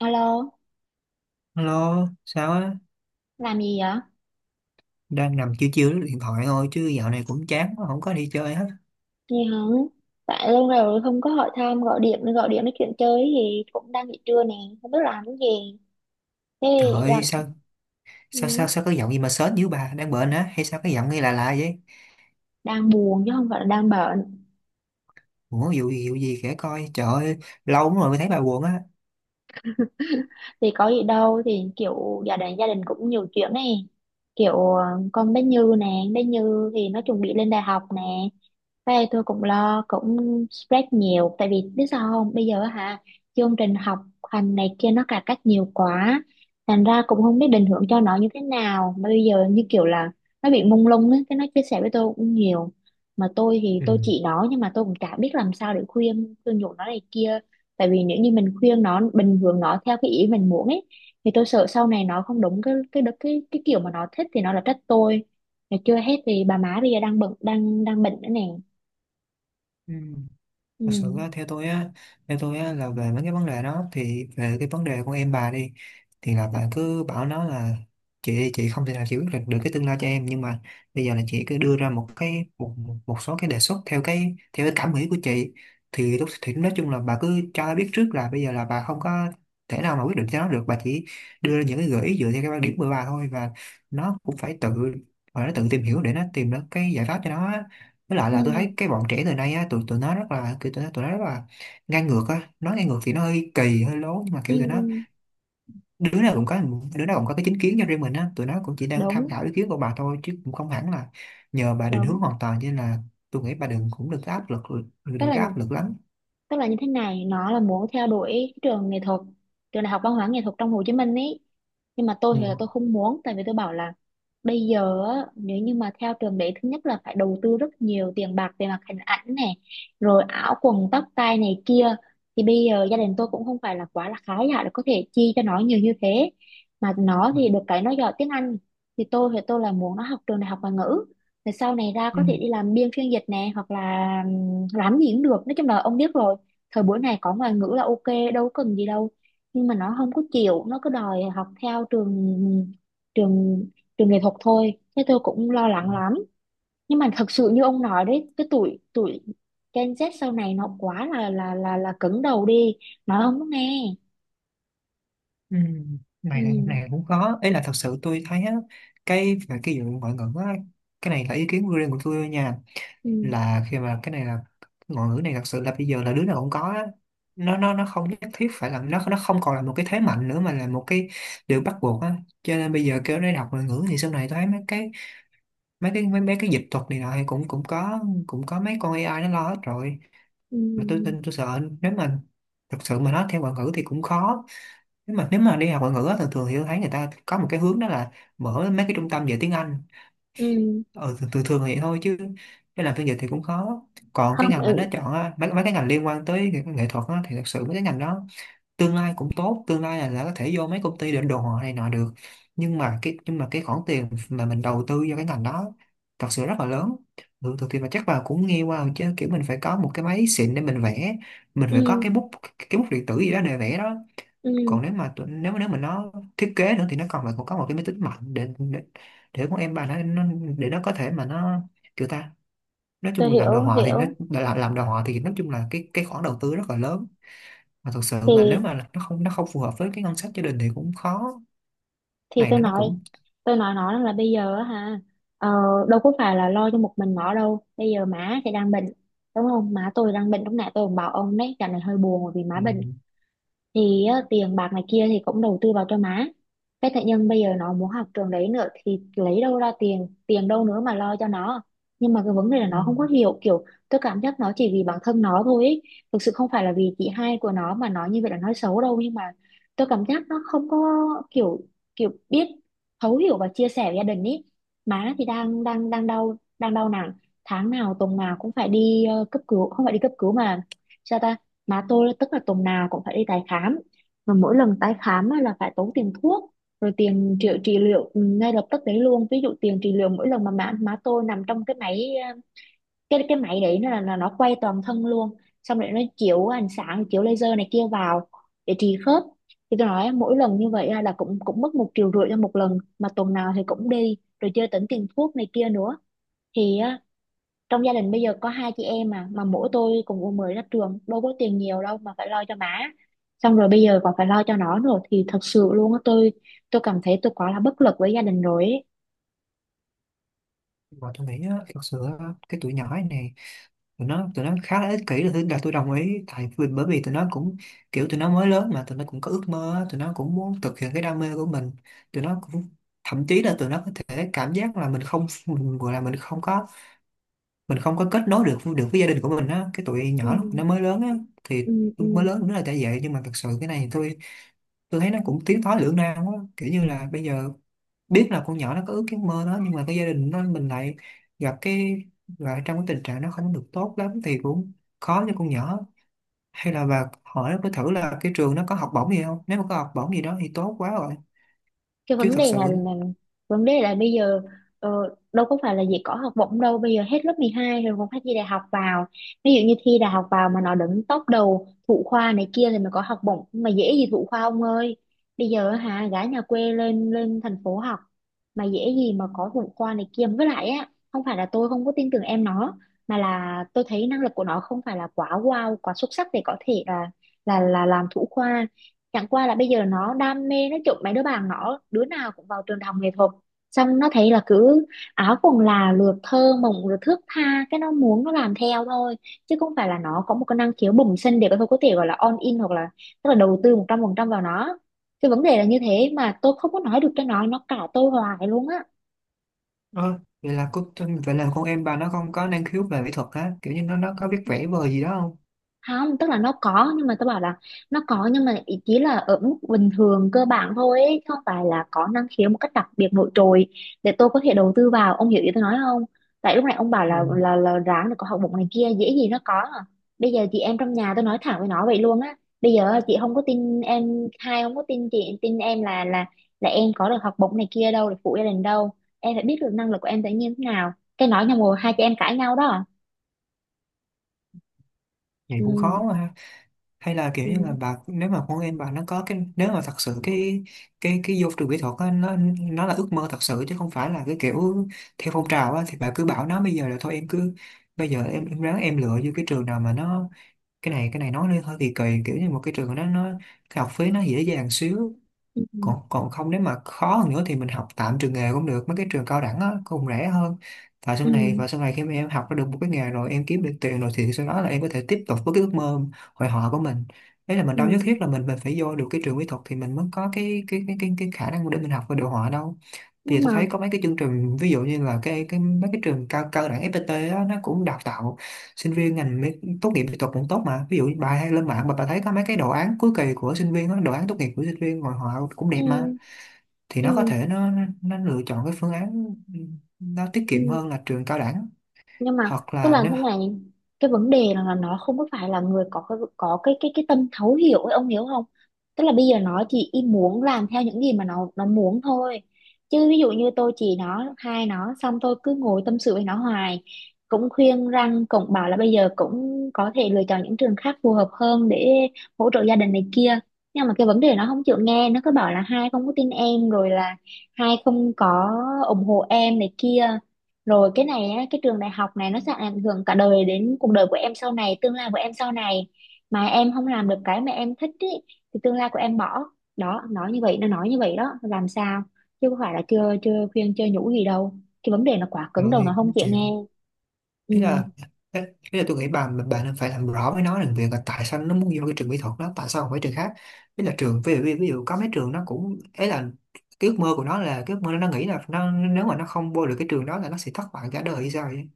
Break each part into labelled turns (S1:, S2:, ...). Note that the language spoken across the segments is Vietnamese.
S1: Alo,
S2: Hello, sao á?
S1: làm gì vậy?
S2: Đang nằm chiêu chiêu lướt điện thoại thôi chứ dạo này cũng chán quá, không có đi chơi hết.
S1: Gì không? Tại lâu rồi không có hỏi thăm, gọi điện nói chuyện chơi thì cũng đang nghỉ trưa nè, không biết làm cái gì. Thế
S2: Trời ơi,
S1: giờ
S2: sao sao sao
S1: ừ,
S2: sao có giọng gì mà sến dữ bà, đang bệnh á hay sao cái giọng nghe là lạ lạ vậy?
S1: đang buồn chứ không phải là đang bệnh.
S2: Ủa vụ gì kể coi. Trời ơi, lâu lắm rồi mới thấy bà buồn á.
S1: Thì có gì đâu, thì kiểu gia đình cũng nhiều chuyện này. Kiểu con bé Như nè, bé Như thì nó chuẩn bị lên đại học nè. Đây tôi cũng lo cũng stress nhiều, tại vì biết sao không, bây giờ hả, chương trình học hành này kia nó cải cách nhiều quá, thành ra cũng không biết định hướng cho nó như thế nào, mà bây giờ như kiểu là nó bị mông lung ấy, cái nó chia sẻ với tôi cũng nhiều, mà tôi thì
S2: Ừ.
S1: tôi chỉ nó nhưng mà tôi cũng chả biết làm sao để khuyên khuyên nhủ nó này kia. Tại vì nếu như mình khuyên nó bình thường nó theo cái ý mình muốn ấy, thì tôi sợ sau này nó không đúng cái kiểu mà nó thích thì nó là trách tôi. Mà chưa hết thì bà má bây giờ đang bận đang đang bệnh nữa nè.
S2: Ừ. Thật sự
S1: Ừ.
S2: á, theo tôi á là về mấy cái vấn đề đó, thì về cái vấn đề của em bà đi, thì là bà cứ bảo nó là chị không thể nào chị quyết định được cái tương lai cho em, nhưng mà bây giờ là chị cứ đưa ra một cái một, một một số cái đề xuất theo cái cảm nghĩ của chị, thì lúc thì nói chung là bà cứ cho nó biết trước là bây giờ là bà không có thể nào mà quyết định cho nó được, bà chỉ đưa ra những cái gợi ý dựa theo cái quan điểm của bà thôi. Và nó cũng phải tự và nó tự tìm hiểu để nó tìm được cái giải pháp cho nó á. Với lại
S1: Ừ.
S2: là tôi thấy cái bọn trẻ thời nay á, tụi tụi nó rất là kiểu, tụi nó rất là ngang ngược á. Nói ngang ngược thì nó hơi kỳ hơi lố, nhưng mà
S1: Ừ.
S2: kiểu tụi nó
S1: Ừ.
S2: đứa nào cũng có, đứa nào cũng có cái chính kiến cho riêng mình á. Tụi nó cũng chỉ đang tham
S1: Đúng.
S2: khảo ý kiến của bà thôi, chứ cũng không hẳn là nhờ bà định
S1: Đúng.
S2: hướng hoàn toàn, cho nên là tôi nghĩ bà đừng có áp lực,
S1: tức
S2: đừng
S1: là
S2: có áp lực lắm.
S1: tức là như thế này, nó là muốn theo đuổi cái trường nghệ thuật, trường đại học văn hóa nghệ thuật trong Hồ Chí Minh ấy, nhưng mà tôi
S2: Ừ.
S1: thì là tôi không muốn, tại vì tôi bảo là bây giờ á, nếu như mà theo trường đấy, thứ nhất là phải đầu tư rất nhiều tiền bạc về mặt hình ảnh này, rồi áo quần tóc tai này kia, thì bây giờ gia đình tôi cũng không phải là quá là khá giả để có thể chi cho nó nhiều như thế. Mà nó thì được cái nó giỏi tiếng Anh, thì tôi là muốn nó học trường đại học ngoại ngữ, rồi sau này ra
S2: Ừ.
S1: có thể đi làm biên phiên dịch nè, hoặc là làm gì cũng được, nói chung là ông biết rồi, thời buổi này có ngoại ngữ là ok, đâu cần gì đâu. Nhưng mà nó không có chịu, nó cứ đòi học theo trường trường trường nghệ thuật thôi, thế tôi cũng lo lắng lắm. Nhưng mà thật sự như ông nói đấy, cái tuổi tuổi Gen Z sau này nó quá là cứng đầu đi, nó không có nghe.
S2: Ừ.
S1: Ừ.
S2: Này cũng khó ấy, là thật sự tôi thấy á, cái về cái vụ ngoại ngữ á, cái này là ý kiến riêng của tôi nha,
S1: Ừ.
S2: là khi mà cái này là ngôn ngữ này, thật sự là bây giờ là đứa nào cũng có á. Nó không nhất thiết phải là, nó không còn là một cái thế mạnh nữa mà là một cái điều bắt buộc á. Cho nên bây giờ kêu nó đọc ngoại ngữ, thì sau này tôi thấy mấy cái dịch thuật này nọ thì cũng, cũng có, cũng có mấy con AI nó lo hết rồi.
S1: Ừ.
S2: Mà tôi sợ nếu mà thật sự mà nói theo ngoại ngữ thì cũng khó. Nếu mà đi học ngoại ngữ á, thường thường thì tôi thấy người ta có một cái hướng đó là mở mấy cái trung tâm về tiếng Anh.
S1: Ừ.
S2: Ừ, thường thường thì thôi chứ cái làm phiên dịch thì cũng khó. Còn cái
S1: Không.
S2: ngành mà nó
S1: Ừ.
S2: chọn á, mấy cái ngành liên quan tới nghệ thuật á, thì thật sự mấy cái ngành đó tương lai cũng tốt. Tương lai là có thể vô mấy công ty định đồ họa này nọ được. Nhưng mà cái khoản tiền mà mình đầu tư cho cái ngành đó thật sự rất là lớn. Ừ, thực thì mà chắc bà cũng nghe qua rồi chứ, kiểu mình phải có một cái máy xịn để mình vẽ, mình
S1: Ừ.
S2: phải có cái bút, cái bút điện tử gì đó để vẽ đó.
S1: Ừ.
S2: Còn nếu mà tụi, nếu nếu mà nó thiết kế nữa thì nó còn là cũng có một cái máy tính mạnh để để con em bà nó nó có thể mà nó kiểu ta nói
S1: Tôi
S2: chung mình làm đồ
S1: hiểu
S2: họa thì nó,
S1: hiểu
S2: làm đồ họa thì nói chung là cái khoản đầu tư rất là lớn. Mà thật sự mà
S1: thì
S2: nếu mà nó không phù hợp với cái ngân sách gia đình thì cũng khó.
S1: thì
S2: Này
S1: tôi
S2: là nó
S1: nói,
S2: cũng
S1: tôi nói nó là bây giờ á ha, ờ, đâu có phải là lo cho một mình nó đâu, bây giờ má thì đang bệnh, đúng không, má tôi đang bệnh, lúc nãy tôi cũng bảo ông đấy, dạo này hơi buồn bởi vì má
S2: ừ,
S1: bệnh, thì á, tiền bạc này kia thì cũng đầu tư vào cho má, cái tự nhiên bây giờ nó muốn học trường đấy nữa, thì lấy đâu ra tiền, tiền đâu nữa mà lo cho nó. Nhưng mà cái vấn đề là
S2: ừ.
S1: nó không có hiểu, kiểu tôi cảm giác nó chỉ vì bản thân nó thôi ý. Thực sự không phải là vì chị hai của nó mà nói như vậy là nói xấu đâu, nhưng mà tôi cảm giác nó không có kiểu, kiểu biết thấu hiểu và chia sẻ với gia đình ý. Má thì đang đang đang đau, đang đau nặng, tháng nào tuần nào cũng phải đi cấp cứu, không phải đi cấp cứu mà sao ta, má tôi tức là tuần nào cũng phải đi tái khám, mà mỗi lần tái khám á là phải tốn tiền thuốc, rồi tiền trị liệu ừ, ngay lập tức đấy luôn. Ví dụ tiền trị liệu mỗi lần mà má tôi nằm trong cái máy cái máy đấy là nó quay toàn thân luôn, xong rồi nó chiếu ánh sáng chiếu laser này kia vào để trị khớp, thì tôi nói mỗi lần như vậy á là cũng cũng mất 1,5 triệu cho một lần, mà tuần nào thì cũng đi, rồi chưa tính tiền thuốc này kia nữa. Thì trong gia đình bây giờ có hai chị em mà mỗi tôi cùng u mười ra trường, đâu có tiền nhiều đâu mà phải lo cho má, xong rồi bây giờ còn phải lo cho nó nữa, thì thật sự luôn á, tôi cảm thấy tôi quá là bất lực với gia đình rồi ấy.
S2: Mà tôi nghĩ á, thật sự á, cái tuổi nhỏ này tụi nó khá là ích kỷ, là tôi đồng ý, tại vì bởi vì tụi nó cũng kiểu tụi nó mới lớn, mà tụi nó cũng có ước mơ á, tụi nó cũng muốn thực hiện cái đam mê của mình. Tụi nó cũng thậm chí là tụi nó có thể cảm giác là mình không mình gọi là mình không có, mình không có kết nối được được với gia đình của mình á, cái tụi
S1: Ừ.
S2: nhỏ lúc nó mới lớn á. thì
S1: Ừ.
S2: mới
S1: Ừ.
S2: lớn nó là tại vậy. Nhưng mà thật sự cái này thì tôi thấy nó cũng tiến thoái lưỡng nan quá, kiểu như là bây giờ biết là con nhỏ nó có ước cái mơ đó, nhưng mà cái gia đình nó mình lại gặp cái lại trong cái tình trạng nó không được tốt lắm thì cũng khó cho con nhỏ. Hay là bà hỏi với thử là cái trường nó có học bổng gì không, nếu mà có học bổng gì đó thì tốt quá rồi.
S1: Cái
S2: Chứ
S1: vấn
S2: thật
S1: đề là,
S2: sự
S1: là vấn đề là bây giờ ờ, đâu có phải là chỉ có học bổng đâu, bây giờ hết lớp 12 rồi còn phải thi đại học vào, ví dụ như thi đại học vào mà nó đứng top đầu thủ khoa này kia thì mới có học bổng, mà dễ gì thủ khoa ông ơi. Bây giờ hả, gái nhà quê lên lên thành phố học mà dễ gì mà có thủ khoa này kia. Với lại á, không phải là tôi không có tin tưởng em nó, mà là tôi thấy năng lực của nó không phải là quá wow quá xuất sắc để có thể là làm thủ khoa. Chẳng qua là bây giờ nó đam mê, nó chụp mấy đứa bạn nó đứa nào cũng vào trường đại học nghệ thuật, xong nó thấy là cứ áo quần là lượt thơ mộng rồi thước tha, cái nó muốn nó làm theo thôi, chứ không phải là nó có một cái năng khiếu bẩm sinh để có thể gọi là on in, hoặc là tức là đầu tư 100% vào nó. Cái vấn đề là như thế mà tôi không có nói được cho nó cãi tôi hoài luôn á.
S2: ơ vậy là cô, vậy là con em bà nó không có năng khiếu về mỹ thuật á, kiểu như nó có biết vẽ vời gì đó không?
S1: Không, tức là nó có, nhưng mà tôi bảo là nó có nhưng mà ý chỉ là ở mức bình thường cơ bản thôi ấy, chứ không phải là có năng khiếu một cách đặc biệt nổi trội để tôi có thể đầu tư vào, ông hiểu ý tôi nói không. Tại lúc này ông bảo
S2: Ừ.
S1: là ráng là có học bổng này kia, dễ gì nó có à. Bây giờ chị em trong nhà tôi nói thẳng với nó vậy luôn á, bây giờ chị không có tin em, hai không có tin chị tin em là em có được học bổng này kia đâu, được phụ gia đình đâu, em phải biết được năng lực của em tự nhiên thế nào, cái nói nhau rồi hai chị em cãi nhau đó à.
S2: Vậy
S1: Ừ.
S2: cũng khó quá ha. Hay là kiểu như là
S1: Ừ.
S2: bà, nếu mà con em bà nó có cái, nếu mà thật sự cái cái vô trường kỹ thuật á, nó là ước mơ thật sự chứ không phải là cái kiểu theo phong trào á, thì bà cứ bảo nó bây giờ là thôi em cứ, bây giờ em ráng em lựa vô cái trường nào mà nó, cái này nói lên hơi kỳ kỳ, kiểu như một cái trường nó cái học phí nó dễ dàng xíu. Còn,
S1: Ừ.
S2: còn không nếu mà khó hơn nữa thì mình học tạm trường nghề cũng được, mấy cái trường cao đẳng á cũng rẻ hơn. và sau
S1: Ừ.
S2: này và sau này khi mà em học ra được một cái nghề rồi, em kiếm được tiền rồi, thì sau đó là em có thể tiếp tục với cái ước mơ hội họa của mình. Đấy là mình đâu nhất
S1: Ừ.
S2: thiết là mình phải vô được cái trường mỹ thuật thì mình mới có cái khả năng để mình học về đồ họa đâu. Thì
S1: Nhưng mà
S2: tôi thấy có mấy cái chương trình, ví dụ như là cái mấy cái trường cao cao đẳng FPT á, nó cũng đào tạo sinh viên tốt nghiệp mỹ thuật cũng tốt mà. Ví dụ như bà hay lên mạng mà bà thấy có mấy cái đồ án cuối kỳ của sinh viên á, đồ án tốt nghiệp của sinh viên rồi, họ cũng
S1: ừ.
S2: đẹp mà. Thì nó có
S1: Ừ.
S2: thể nó lựa chọn cái phương án nó tiết
S1: Ừ.
S2: kiệm hơn là trường cao đẳng.
S1: Nhưng mà
S2: Hoặc
S1: tức
S2: là
S1: là
S2: nếu
S1: thế này, cái vấn đề là nó không có phải là người có cái tâm thấu hiểu ấy, ông hiểu không. Tức là bây giờ nó chỉ ý muốn làm theo những gì mà nó muốn thôi, chứ ví dụ như tôi chỉ nó hai, nó xong tôi cứ ngồi tâm sự với nó hoài, cũng khuyên răng cũng bảo là bây giờ cũng có thể lựa chọn những trường khác phù hợp hơn để hỗ trợ gia đình này kia, nhưng mà cái vấn đề nó không chịu nghe, nó cứ bảo là hai không có tin em, rồi là hai không có ủng hộ em này kia, rồi cái này á, cái trường đại học này nó sẽ ảnh hưởng cả đời đến cuộc đời của em sau này, tương lai của em sau này. Mà em không làm được cái mà em thích ý, thì tương lai của em bỏ. Đó, nói như vậy, nó nói như vậy đó, làm sao? Chứ không phải là chưa chưa khuyên chưa nhủ gì đâu. Cái vấn đề nó quá
S2: ừ,
S1: cứng đầu nó
S2: thì
S1: không
S2: cũng
S1: chịu
S2: chịu.
S1: nghe. Ừ.
S2: Ý là ý là tôi nghĩ bà bạn nên phải làm rõ với nó rằng việc là tại sao nó muốn vô cái trường mỹ thuật đó, tại sao không phải trường khác. Ý là trường ví dụ, ví dụ có mấy trường nó cũng ấy, là cái ước mơ của nó là cái ước mơ nó nghĩ là nó, nếu mà nó không vô được cái trường đó là nó sẽ thất bại cả đời hay sao vậy?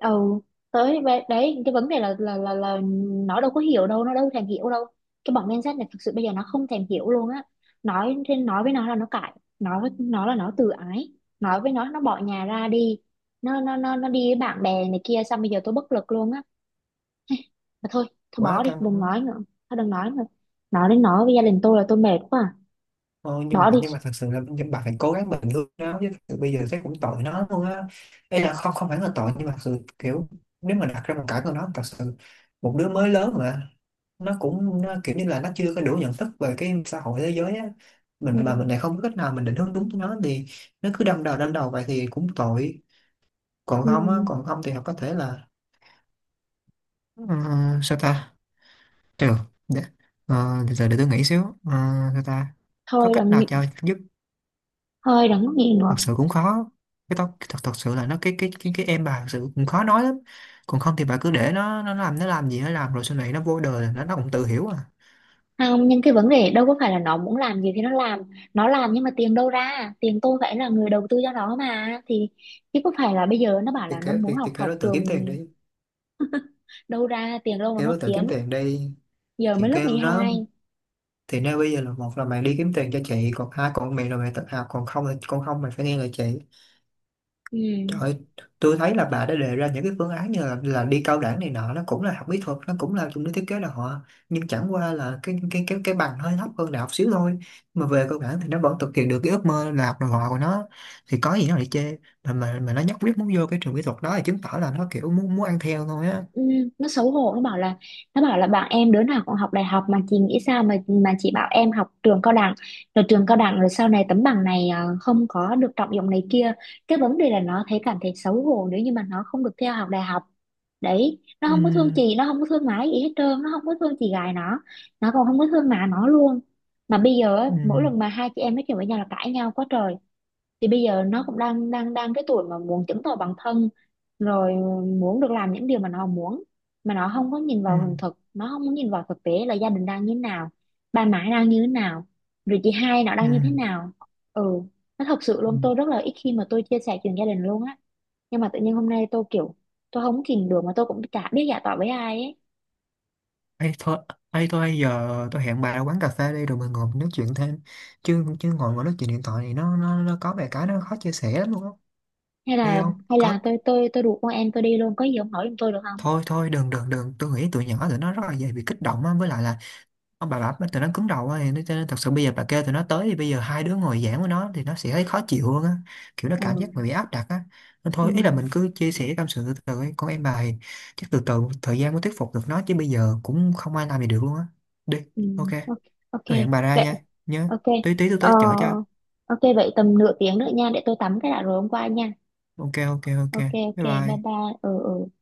S1: Ừ tới đấy cái vấn đề là nó đâu có hiểu đâu, nó đâu thèm hiểu đâu, cái bọn Gen Z này thực sự bây giờ nó không thèm hiểu luôn á. Nói thì nói với nó là nó cãi, nói với nó là nó tự ái, nói với nó bỏ nhà ra đi, nó đi với bạn bè này kia, xong bây giờ tôi bất lực luôn á. Mà thôi, thôi
S2: Quá
S1: bỏ đi
S2: căng.
S1: đừng nói nữa, thôi đừng nói nữa, nói đến nói với gia đình tôi là tôi mệt quá à.
S2: Thôi nhưng mà
S1: Bỏ đi.
S2: nhưng mà thật sự là nhưng bà phải cố gắng, mình thương nó chứ, thật sự bây giờ thấy cũng tội nó luôn á. Đây là không, không phải là tội, nhưng mà thật sự kiểu nếu mà đặt ra hoàn cảnh của nó, thật sự một đứa mới lớn mà, nó cũng nó kiểu như là nó chưa có đủ nhận thức về cái xã hội thế giới á,
S1: Ừ.
S2: mình mà mình lại không có cách nào mình định hướng đúng cho nó thì nó cứ đâm đầu vậy thì cũng tội. Còn
S1: Ừ.
S2: không á, còn không thì họ có thể là ờ, sao ta, được, để, ờ, giờ để tôi nghĩ xíu. Ờ, sao ta, có
S1: thôi
S2: cách
S1: đừng
S2: nào
S1: nghĩ-
S2: cho giúp.
S1: Thôi đừng có nghĩ
S2: Thật
S1: nữa.
S2: sự cũng khó. Cái tóc thật thật sự là nó cái em bà thật sự cũng khó nói lắm. Còn không thì bà cứ để nó, nó làm gì nó làm, rồi sau này nó vô đời là nó cũng tự hiểu à.
S1: Không, nhưng cái vấn đề đâu có phải là nó muốn làm gì thì nó làm, nó làm nhưng mà tiền đâu ra, tiền tôi phải là người đầu tư cho nó mà thì, chứ có phải là bây giờ nó bảo
S2: thì
S1: là nó
S2: kêu
S1: muốn
S2: thì,
S1: học
S2: thì kêu nó
S1: học
S2: tự kiếm tiền
S1: trường,
S2: đi.
S1: đâu ra tiền đâu mà
S2: Kêu
S1: nó
S2: nó tự kiếm
S1: kiếm,
S2: tiền đi.
S1: giờ
S2: thì
S1: mới lớp
S2: kêu nó
S1: 12.
S2: thì nếu bây giờ là, một là mày đi kiếm tiền cho chị, còn hai còn mày là mày tự học, còn không là, còn không mày phải nghe lời chị.
S1: Ừ.
S2: Trời ơi, tôi thấy là bà đã đề ra những cái phương án như là đi cao đẳng này nọ, nó cũng là học mỹ thuật, nó cũng là dùng để thiết kế đồ họa, nhưng chẳng qua là cái bằng hơi thấp hơn đại học xíu thôi. Mà về cao đẳng thì nó vẫn thực hiện được cái ước mơ là học đồ họa của nó, thì có gì nó lại chê. Mà nó nhất quyết muốn vô cái trường mỹ thuật đó thì chứng tỏ là nó kiểu muốn muốn ăn theo thôi á.
S1: Ừ, nó xấu hổ nó bảo là, nó bảo là bạn em đứa nào cũng học đại học mà chị nghĩ sao mà chị bảo em học trường cao đẳng, rồi trường cao đẳng rồi sau này tấm bằng này à, không có được trọng dụng này kia. Cái vấn đề là nó thấy cảm thấy xấu hổ nếu như mà nó không được theo học đại học. Đấy, nó không có thương
S2: Ừm,
S1: chị, nó không có thương má gì hết trơn, nó không có thương chị gái nó còn không có thương má nó luôn. Mà bây giờ á, mỗi
S2: ừm,
S1: lần mà hai chị em nói chuyện với nhau là cãi nhau quá trời. Thì bây giờ nó cũng đang đang đang cái tuổi mà muốn chứng tỏ bản thân, rồi muốn được làm những điều mà nó muốn, mà nó không có nhìn vào hiện
S2: ừm,
S1: thực, nó không có nhìn vào thực tế là gia đình đang như thế nào, ba má đang như thế nào, rồi chị hai nó đang như thế
S2: ừm,
S1: nào. Ừ. Nó thật sự luôn,
S2: ừm.
S1: tôi rất là ít khi mà tôi chia sẻ chuyện gia đình luôn á, nhưng mà tự nhiên hôm nay tôi kiểu tôi không kìm được, mà tôi cũng chả biết giải tỏa với ai ấy.
S2: Ê, thôi, ấy thôi giờ tôi hẹn bà ra quán cà phê đi rồi mình ngồi mình nói chuyện thêm. Chứ chứ ngồi ngồi nói chuyện điện thoại này nó có vài cái nó khó chia sẻ lắm luôn á.
S1: Hay
S2: Đi
S1: là,
S2: không
S1: hay
S2: có.
S1: là tôi tôi tôi rủ con em tôi đi luôn, có gì ông hỏi giùm tôi được không.
S2: Thôi thôi đừng đừng đừng, tôi nghĩ tụi nhỏ tụi nó rất là dễ bị kích động á, với lại là ông bà tụi nó cứng đầu á thì nó- cho nên thật sự bây giờ bà kêu tụi nó tới thì bây giờ hai đứa ngồi giảng với nó thì nó sẽ thấy khó chịu hơn á, kiểu nó cảm giác mà
S1: Ừ.
S2: bị áp đặt á. Nên
S1: Ừ.
S2: thôi ý là mình cứ chia sẻ tâm sự từ từ ấy. Con em bà thì chắc từ từ thời gian mới thuyết phục được nó, chứ bây giờ cũng không ai làm gì được luôn á. Đi,
S1: Ừ.
S2: ok,
S1: Ok. Ok
S2: tôi hẹn bà ra
S1: vậy.
S2: nha. Nhớ,
S1: Ok.
S2: tí tí tôi
S1: Ờ,
S2: tới chở cho.
S1: ok vậy tầm nửa tiếng nữa nha, để tôi tắm cái đã rồi hôm qua nha.
S2: Ok ok ok,
S1: Ok ok
S2: bye bye.
S1: bye bye. Ừ. Ừ.